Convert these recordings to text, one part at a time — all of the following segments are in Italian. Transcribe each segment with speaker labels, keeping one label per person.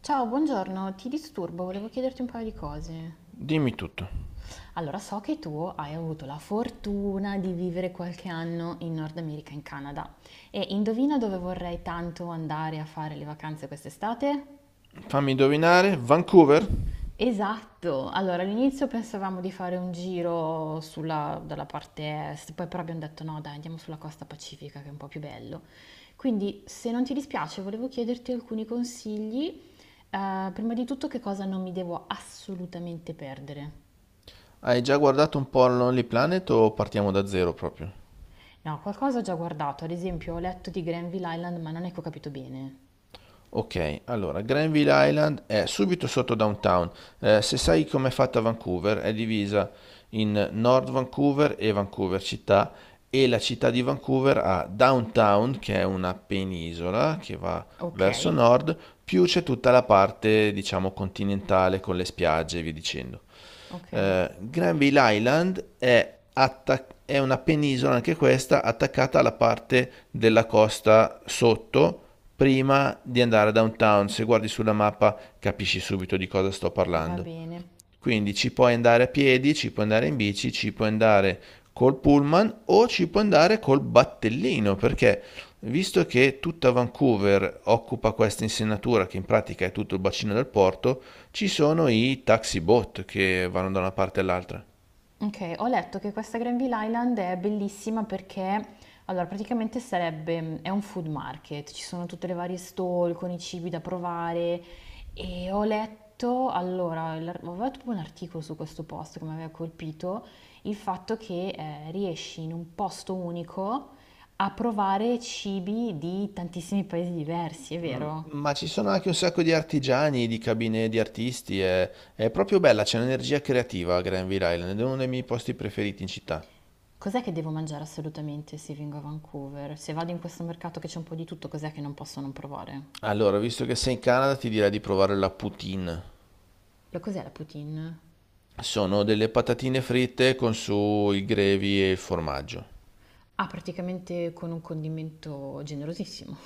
Speaker 1: Ciao, buongiorno, ti disturbo, volevo chiederti un paio di cose.
Speaker 2: Dimmi tutto.
Speaker 1: Allora, so che tu hai avuto la fortuna di vivere qualche anno in Nord America, in Canada, e indovina dove vorrei tanto andare a fare le vacanze quest'estate?
Speaker 2: Fammi indovinare, Vancouver?
Speaker 1: Esatto, allora all'inizio pensavamo di fare un giro sulla, dalla parte est, poi però abbiamo detto no, dai, andiamo sulla costa pacifica che è un po' più bello. Quindi, se non ti dispiace, volevo chiederti alcuni consigli. Prima di tutto, che cosa non mi devo assolutamente perdere?
Speaker 2: Hai già guardato un po' al Lonely Planet o partiamo da zero proprio?
Speaker 1: No, qualcosa ho già guardato, ad esempio ho letto di Granville Island, ma non è che ho capito bene.
Speaker 2: Ok, allora, Granville Island è subito sotto downtown. Se sai com'è fatta Vancouver, è divisa in North Vancouver e Vancouver città e la città di Vancouver ha downtown, che è una penisola che va
Speaker 1: Ok,
Speaker 2: verso nord, più c'è tutta la parte, diciamo, continentale con le spiagge e via dicendo.
Speaker 1: ok,
Speaker 2: Granville Island è, è una penisola, anche questa, attaccata alla parte della costa sotto, prima di andare a downtown. Se guardi sulla mappa capisci subito di cosa sto
Speaker 1: va
Speaker 2: parlando.
Speaker 1: bene.
Speaker 2: Quindi ci puoi andare a piedi, ci puoi andare in bici, ci puoi andare col pullman o ci puoi andare col battellino, perché visto che tutta Vancouver occupa questa insenatura, che in pratica è tutto il bacino del porto, ci sono i taxi boat che vanno da una parte all'altra.
Speaker 1: Okay, ho letto che questa Granville Island è bellissima perché allora praticamente sarebbe è un food market, ci sono tutte le varie stall con i cibi da provare e ho letto allora, l'ar avevo tipo un articolo su questo posto che mi aveva colpito, il fatto che, riesci in un posto unico a provare cibi di tantissimi paesi diversi, è vero?
Speaker 2: Ma ci sono anche un sacco di artigiani, di cabine di artisti, è proprio bella, c'è un'energia creativa a Granville Island, è uno dei miei posti preferiti in città.
Speaker 1: Cos'è che devo mangiare assolutamente se vengo a Vancouver? Se vado in questo mercato che c'è un po' di tutto, cos'è che non posso non provare?
Speaker 2: Allora, visto che sei in Canada, ti direi di provare la poutine.
Speaker 1: Lo cos'è la poutine?
Speaker 2: Sono delle patatine fritte con su i grevi e il formaggio.
Speaker 1: Ah, praticamente con un condimento generosissimo.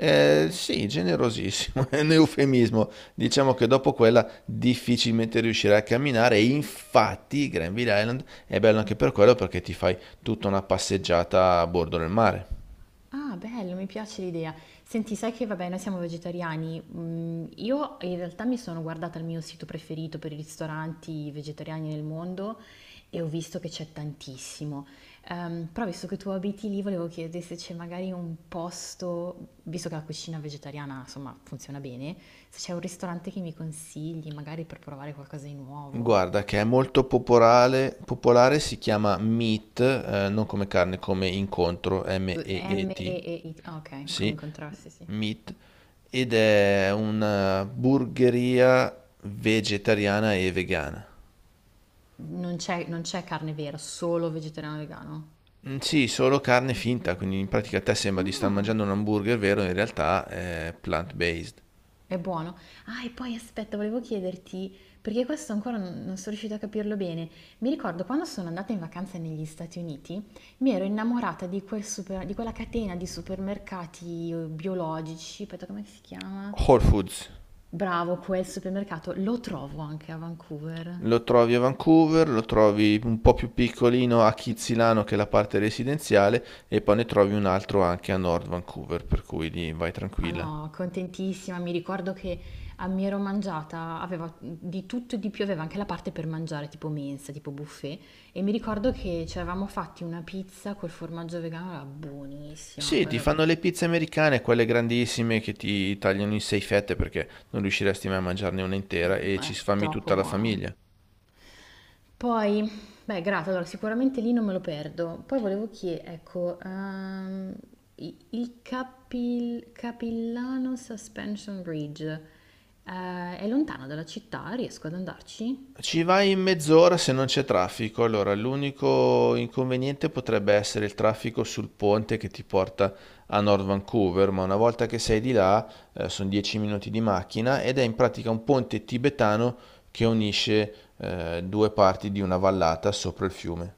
Speaker 2: Sì, generosissimo, è un eufemismo. Diciamo che dopo quella difficilmente riuscirai a camminare e infatti Granville Island è bello anche per quello perché ti fai tutta una passeggiata a bordo del mare.
Speaker 1: Ah, bello, mi piace l'idea. Senti, sai che vabbè, noi siamo vegetariani. Mm, io in realtà mi sono guardata il mio sito preferito per i ristoranti vegetariani nel mondo e ho visto che c'è tantissimo. Però visto che tu abiti lì, volevo chiedere se c'è magari un posto, visto che la cucina vegetariana, insomma, funziona bene, se c'è un ristorante che mi consigli, magari per provare qualcosa di nuovo.
Speaker 2: Guarda, che è molto popolare, popolare si chiama Meat, non come carne, come incontro,
Speaker 1: M e
Speaker 2: M-E-E-T,
Speaker 1: E I. T. Ah, ok, come i
Speaker 2: sì,
Speaker 1: contrasti, sì.
Speaker 2: Meat, ed è una burgeria vegetariana e vegana.
Speaker 1: Non c'è carne vera, solo vegetariano vegano.
Speaker 2: Mm, sì, solo carne finta, quindi in pratica a te sembra di star
Speaker 1: Ah,
Speaker 2: mangiando un hamburger vero, in realtà è plant-based.
Speaker 1: è buono. Ah, e poi aspetta, volevo chiederti, perché questo ancora non sono riuscita a capirlo bene. Mi ricordo quando sono andata in vacanza negli Stati Uniti, mi ero innamorata di, quel super- di quella catena di supermercati biologici. Aspetta, come si chiama?
Speaker 2: Whole Foods.
Speaker 1: Bravo, quel supermercato lo trovo anche a Vancouver.
Speaker 2: Lo trovi a Vancouver, lo trovi un po' più piccolino a Kitzilano che è la parte residenziale e poi ne trovi un altro anche a North Vancouver, per cui lì vai
Speaker 1: Ah
Speaker 2: tranquilla.
Speaker 1: no, contentissima, mi ricordo che a mi ero mangiata, aveva di tutto e di più, aveva anche la parte per mangiare, tipo mensa, tipo buffet, e mi ricordo che ci eravamo fatti una pizza col formaggio vegano, era buonissima, una
Speaker 2: Sì, ti
Speaker 1: cosa,
Speaker 2: fanno le pizze americane, quelle grandissime che ti tagliano in sei fette perché non riusciresti mai a mangiarne una intera e ci sfami
Speaker 1: troppo
Speaker 2: tutta la
Speaker 1: buona.
Speaker 2: famiglia.
Speaker 1: Poi, beh, grato, allora sicuramente lì non me lo perdo. Poi volevo chiedere, ecco, i- il Capil- Capillano Suspension Bridge, è lontano dalla città, riesco ad andarci?
Speaker 2: Ci vai in mezz'ora se non c'è traffico. Allora, l'unico inconveniente potrebbe essere il traffico sul ponte che ti porta a North Vancouver, ma una volta che sei di là, sono 10 minuti di macchina ed è in pratica un ponte tibetano che unisce due parti di una vallata sopra il fiume.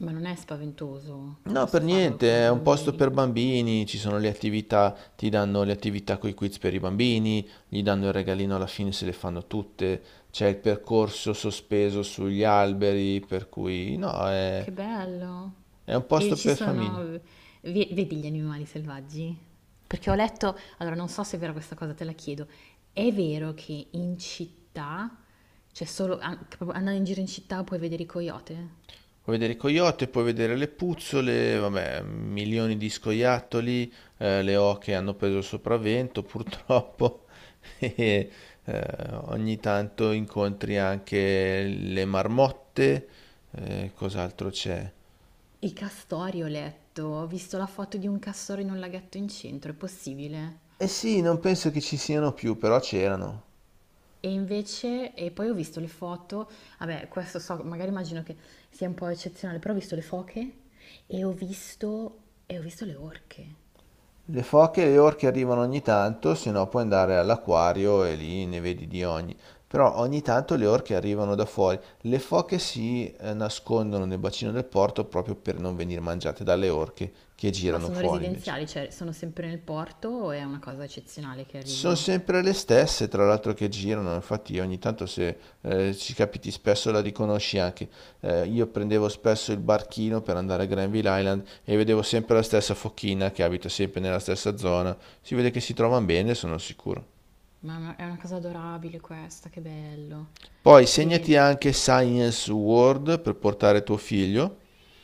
Speaker 1: Ma non è spaventoso,
Speaker 2: No,
Speaker 1: posso
Speaker 2: per
Speaker 1: farlo
Speaker 2: niente, è
Speaker 1: con
Speaker 2: un posto
Speaker 1: bambini.
Speaker 2: per bambini, ci sono le attività, ti danno le attività con i quiz per i bambini, gli danno il regalino alla fine se le fanno tutte, c'è il percorso sospeso sugli alberi, per cui no,
Speaker 1: Che bello!
Speaker 2: è un
Speaker 1: E
Speaker 2: posto
Speaker 1: ci
Speaker 2: per
Speaker 1: sono,
Speaker 2: famiglie.
Speaker 1: ve- vedi gli animali selvaggi? Perché ho letto, allora non so se è vera questa cosa, te la chiedo. È vero che in città, cioè solo an- proprio andando in giro in città puoi vedere i coyote?
Speaker 2: Puoi vedere i coyote, puoi vedere le puzzole, vabbè, milioni di scoiattoli, le oche hanno preso il sopravvento purtroppo e eh, ogni tanto incontri anche le marmotte, cos'altro c'è?
Speaker 1: I castori ho letto, ho visto la foto di un castoro in un laghetto in centro, è possibile?
Speaker 2: Eh sì, non penso che ci siano più, però c'erano.
Speaker 1: E invece, e poi ho visto le foto, vabbè, questo so, magari immagino che sia un po' eccezionale, però ho visto le foche e ho visto le orche.
Speaker 2: Le foche e le orche arrivano ogni tanto, se no puoi andare all'acquario e lì ne vedi di ogni. Però ogni tanto le orche arrivano da fuori. Le foche nascondono nel bacino del porto proprio per non venire mangiate dalle orche che
Speaker 1: Ma
Speaker 2: girano
Speaker 1: sono
Speaker 2: fuori invece.
Speaker 1: residenziali, cioè sono sempre nel porto o è una cosa eccezionale che
Speaker 2: Sono
Speaker 1: arrivino?
Speaker 2: sempre le stesse, tra l'altro, che girano, infatti ogni tanto se ci capiti spesso la riconosci anche. Io prendevo spesso il barchino per andare a Granville Island e vedevo sempre la stessa fochina che abita sempre nella stessa zona. Si vede che si trovano bene, sono sicuro.
Speaker 1: Ma è una cosa adorabile questa, che bello.
Speaker 2: Poi
Speaker 1: Bene,
Speaker 2: segnati anche Science World per portare tuo figlio.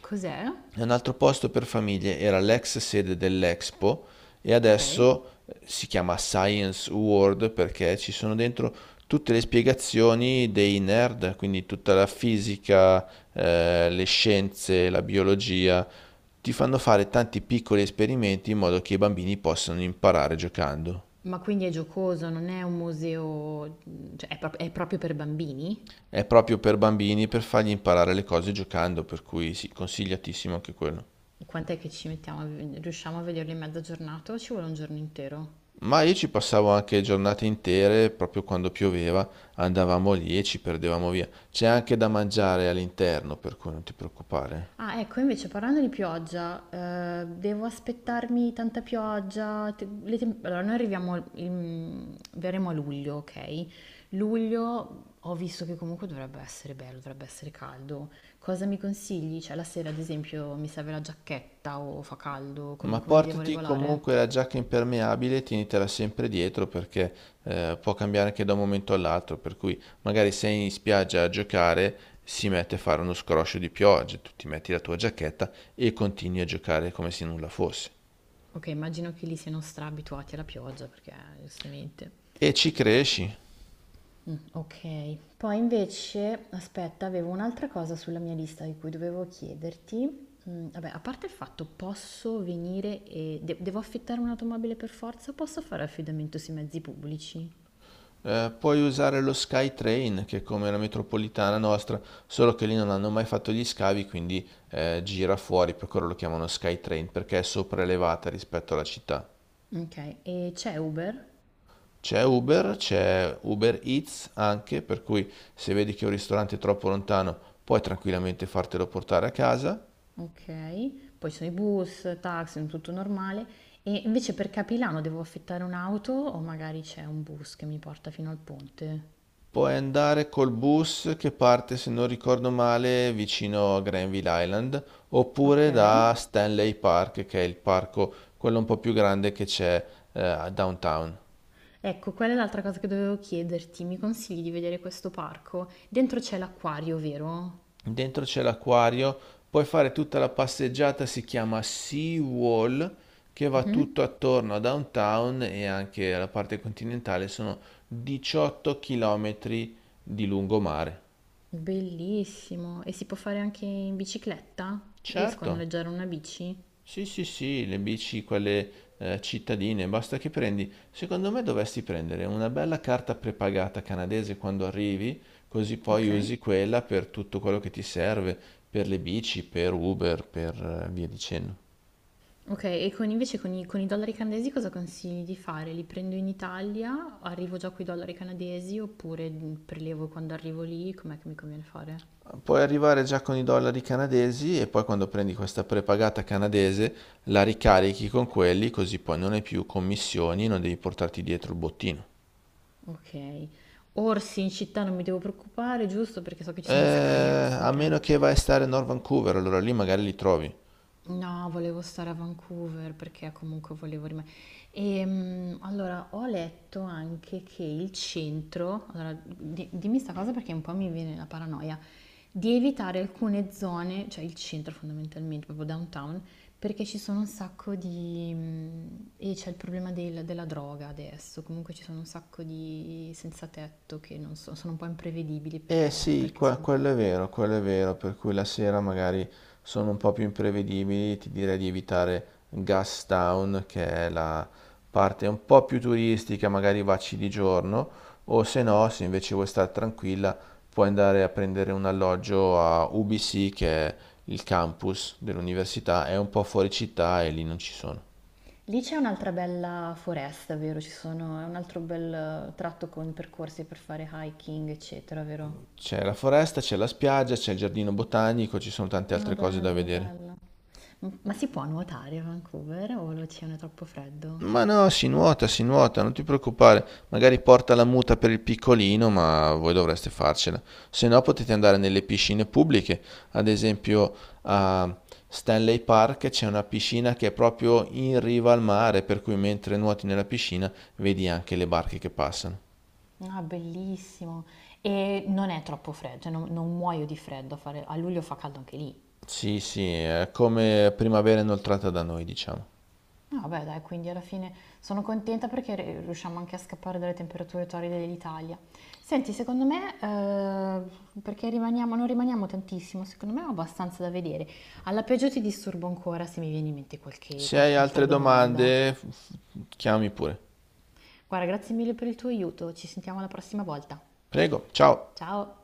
Speaker 1: cos'è?
Speaker 2: Un altro posto per famiglie era l'ex sede dell'Expo e
Speaker 1: Ok.
Speaker 2: adesso si chiama Science World perché ci sono dentro tutte le spiegazioni dei nerd, quindi tutta la fisica, le scienze, la biologia. Ti fanno fare tanti piccoli esperimenti in modo che i bambini possano imparare giocando.
Speaker 1: Ma quindi è giocoso, non è un museo, cioè è, prop- è proprio per bambini?
Speaker 2: È proprio per bambini per fargli imparare le cose giocando, per cui sì, consigliatissimo anche quello.
Speaker 1: Quant'è che ci mettiamo? A- riusciamo a vederlo in mezza giornata o ci vuole un giorno intero?
Speaker 2: Ma io ci passavo anche giornate intere, proprio quando pioveva, andavamo lì e ci perdevamo via. C'è anche da mangiare all'interno, per cui non ti preoccupare.
Speaker 1: Ah, ecco, invece parlando di pioggia, devo aspettarmi tanta pioggia. Te- le tem- allora, noi arriviamo, in- verremo a luglio, ok? Luglio ho visto che comunque dovrebbe essere bello, dovrebbe essere caldo. Cosa mi consigli? Cioè, la sera, ad esempio, mi serve la giacchetta o fa caldo?
Speaker 2: Ma
Speaker 1: Come, come mi devo
Speaker 2: portati
Speaker 1: regolare?
Speaker 2: comunque la giacca impermeabile, tienitela sempre dietro perché può cambiare anche da un momento all'altro, per cui magari sei in spiaggia a giocare, si mette a fare uno scroscio di pioggia, tu ti metti la tua giacchetta e continui a giocare come se nulla fosse.
Speaker 1: Ok, immagino che lì siano stra abituati alla pioggia, perché giustamente.
Speaker 2: E ci cresci.
Speaker 1: Mm, ok, poi invece, aspetta, avevo un'altra cosa sulla mia lista di cui dovevo chiederti. Mm, vabbè, a parte il fatto, posso venire e de- devo affittare un'automobile per forza? Posso fare affidamento sui mezzi pubblici?
Speaker 2: Puoi usare lo SkyTrain, che è come la metropolitana nostra, solo che lì non hanno mai fatto gli scavi, quindi gira fuori, per quello lo chiamano SkyTrain, perché è sopraelevata rispetto alla città.
Speaker 1: Ok, e c'è Uber?
Speaker 2: C'è Uber Eats anche, per cui se vedi che un ristorante è troppo lontano, puoi tranquillamente fartelo portare a casa.
Speaker 1: Ok, poi ci sono i bus, taxi, tutto normale. E invece per Capilano devo affittare un'auto o magari c'è un bus che mi porta fino al ponte?
Speaker 2: Puoi andare col bus che parte, se non ricordo male, vicino a Granville Island,
Speaker 1: Ok.
Speaker 2: oppure da Stanley Park, che è il parco, quello un po' più grande che c'è a downtown.
Speaker 1: Ecco, quella è l'altra cosa che dovevo chiederti. Mi consigli di vedere questo parco? Dentro c'è l'acquario, vero?
Speaker 2: Dentro c'è l'acquario, puoi fare tutta la passeggiata, si chiama Sea Wall, che va tutto
Speaker 1: Mhm.
Speaker 2: attorno a downtown e anche alla parte continentale, sono 18 chilometri di lungomare.
Speaker 1: Bellissimo. E si può fare anche in bicicletta? Riesco a
Speaker 2: Certo.
Speaker 1: noleggiare una bici?
Speaker 2: Sì, sì, sì, le bici, quelle cittadine, basta che prendi. Secondo me dovresti prendere una bella carta prepagata canadese quando arrivi, così poi
Speaker 1: Ok.
Speaker 2: usi quella per tutto quello che ti serve, per le bici, per Uber, per via dicendo.
Speaker 1: Ok, e con- invece con i dollari canadesi cosa consigli di fare? Li prendo in Italia, arrivo già con i dollari canadesi oppure prelevo quando arrivo lì? Com'è che mi conviene fare?
Speaker 2: Puoi arrivare già con i dollari canadesi e poi quando prendi questa prepagata canadese la ricarichi con quelli, così poi non hai più commissioni, non devi portarti dietro il bottino.
Speaker 1: Ok. Orsi in città non mi devo preoccupare, giusto? Perché so che ci sono un sacco di orsi
Speaker 2: A
Speaker 1: in
Speaker 2: meno
Speaker 1: Canada.
Speaker 2: che vai a stare a North Vancouver, allora lì magari li trovi.
Speaker 1: No, volevo stare a Vancouver perché comunque volevo rimanere. E mm, allora ho letto anche che il centro, allora di- dimmi sta cosa perché un po' mi viene la paranoia, di evitare alcune zone, cioè il centro fondamentalmente, proprio downtown, perché ci sono un sacco di... mm, e c'è il problema del- della droga adesso, comunque ci sono un sacco di senza tetto che non so, sono un po' imprevedibili
Speaker 2: Eh
Speaker 1: perché,
Speaker 2: sì,
Speaker 1: perché sono...
Speaker 2: quello è vero, per cui la sera magari sono un po' più imprevedibili, ti direi di evitare Gastown, che è la parte un po' più turistica, magari vacci di giorno, o se no, se invece vuoi stare tranquilla, puoi andare a prendere un alloggio a UBC, che è il campus dell'università, è un po' fuori città e lì non ci sono.
Speaker 1: Lì c'è un'altra bella foresta, vero? Ci sono, è un altro bel tratto con percorsi per fare hiking, eccetera, vero?
Speaker 2: C'è la foresta, c'è la spiaggia, c'è il giardino botanico, ci sono tante
Speaker 1: Ah,
Speaker 2: altre cose da
Speaker 1: bello,
Speaker 2: vedere.
Speaker 1: bello. M- ma si può nuotare a Vancouver o l'oceano è troppo freddo?
Speaker 2: Ma no, si nuota, non ti preoccupare. Magari porta la muta per il piccolino, ma voi dovreste farcela. Se no potete andare nelle piscine pubbliche. Ad esempio a Stanley Park c'è una piscina che è proprio in riva al mare, per cui mentre nuoti nella piscina vedi anche le barche che passano.
Speaker 1: Ah, bellissimo. E non è troppo freddo, cioè non, non muoio di freddo, a fare- a luglio fa caldo anche lì.
Speaker 2: Sì, sì, è come primavera inoltrata da noi, diciamo.
Speaker 1: No, vabbè, dai, quindi alla fine sono contenta perché r- riusciamo anche a scappare dalle temperature torride dell'Italia. Senti, secondo me, perché rimaniamo, non rimaniamo tantissimo, secondo me ho abbastanza da vedere. Alla peggio ti disturbo ancora se mi viene in mente qualche,
Speaker 2: Se hai
Speaker 1: qualche altra
Speaker 2: altre
Speaker 1: domanda.
Speaker 2: domande, chiami pure.
Speaker 1: Guarda, grazie mille per il tuo aiuto, ci sentiamo la prossima volta.
Speaker 2: Prego, ciao.
Speaker 1: Ciao!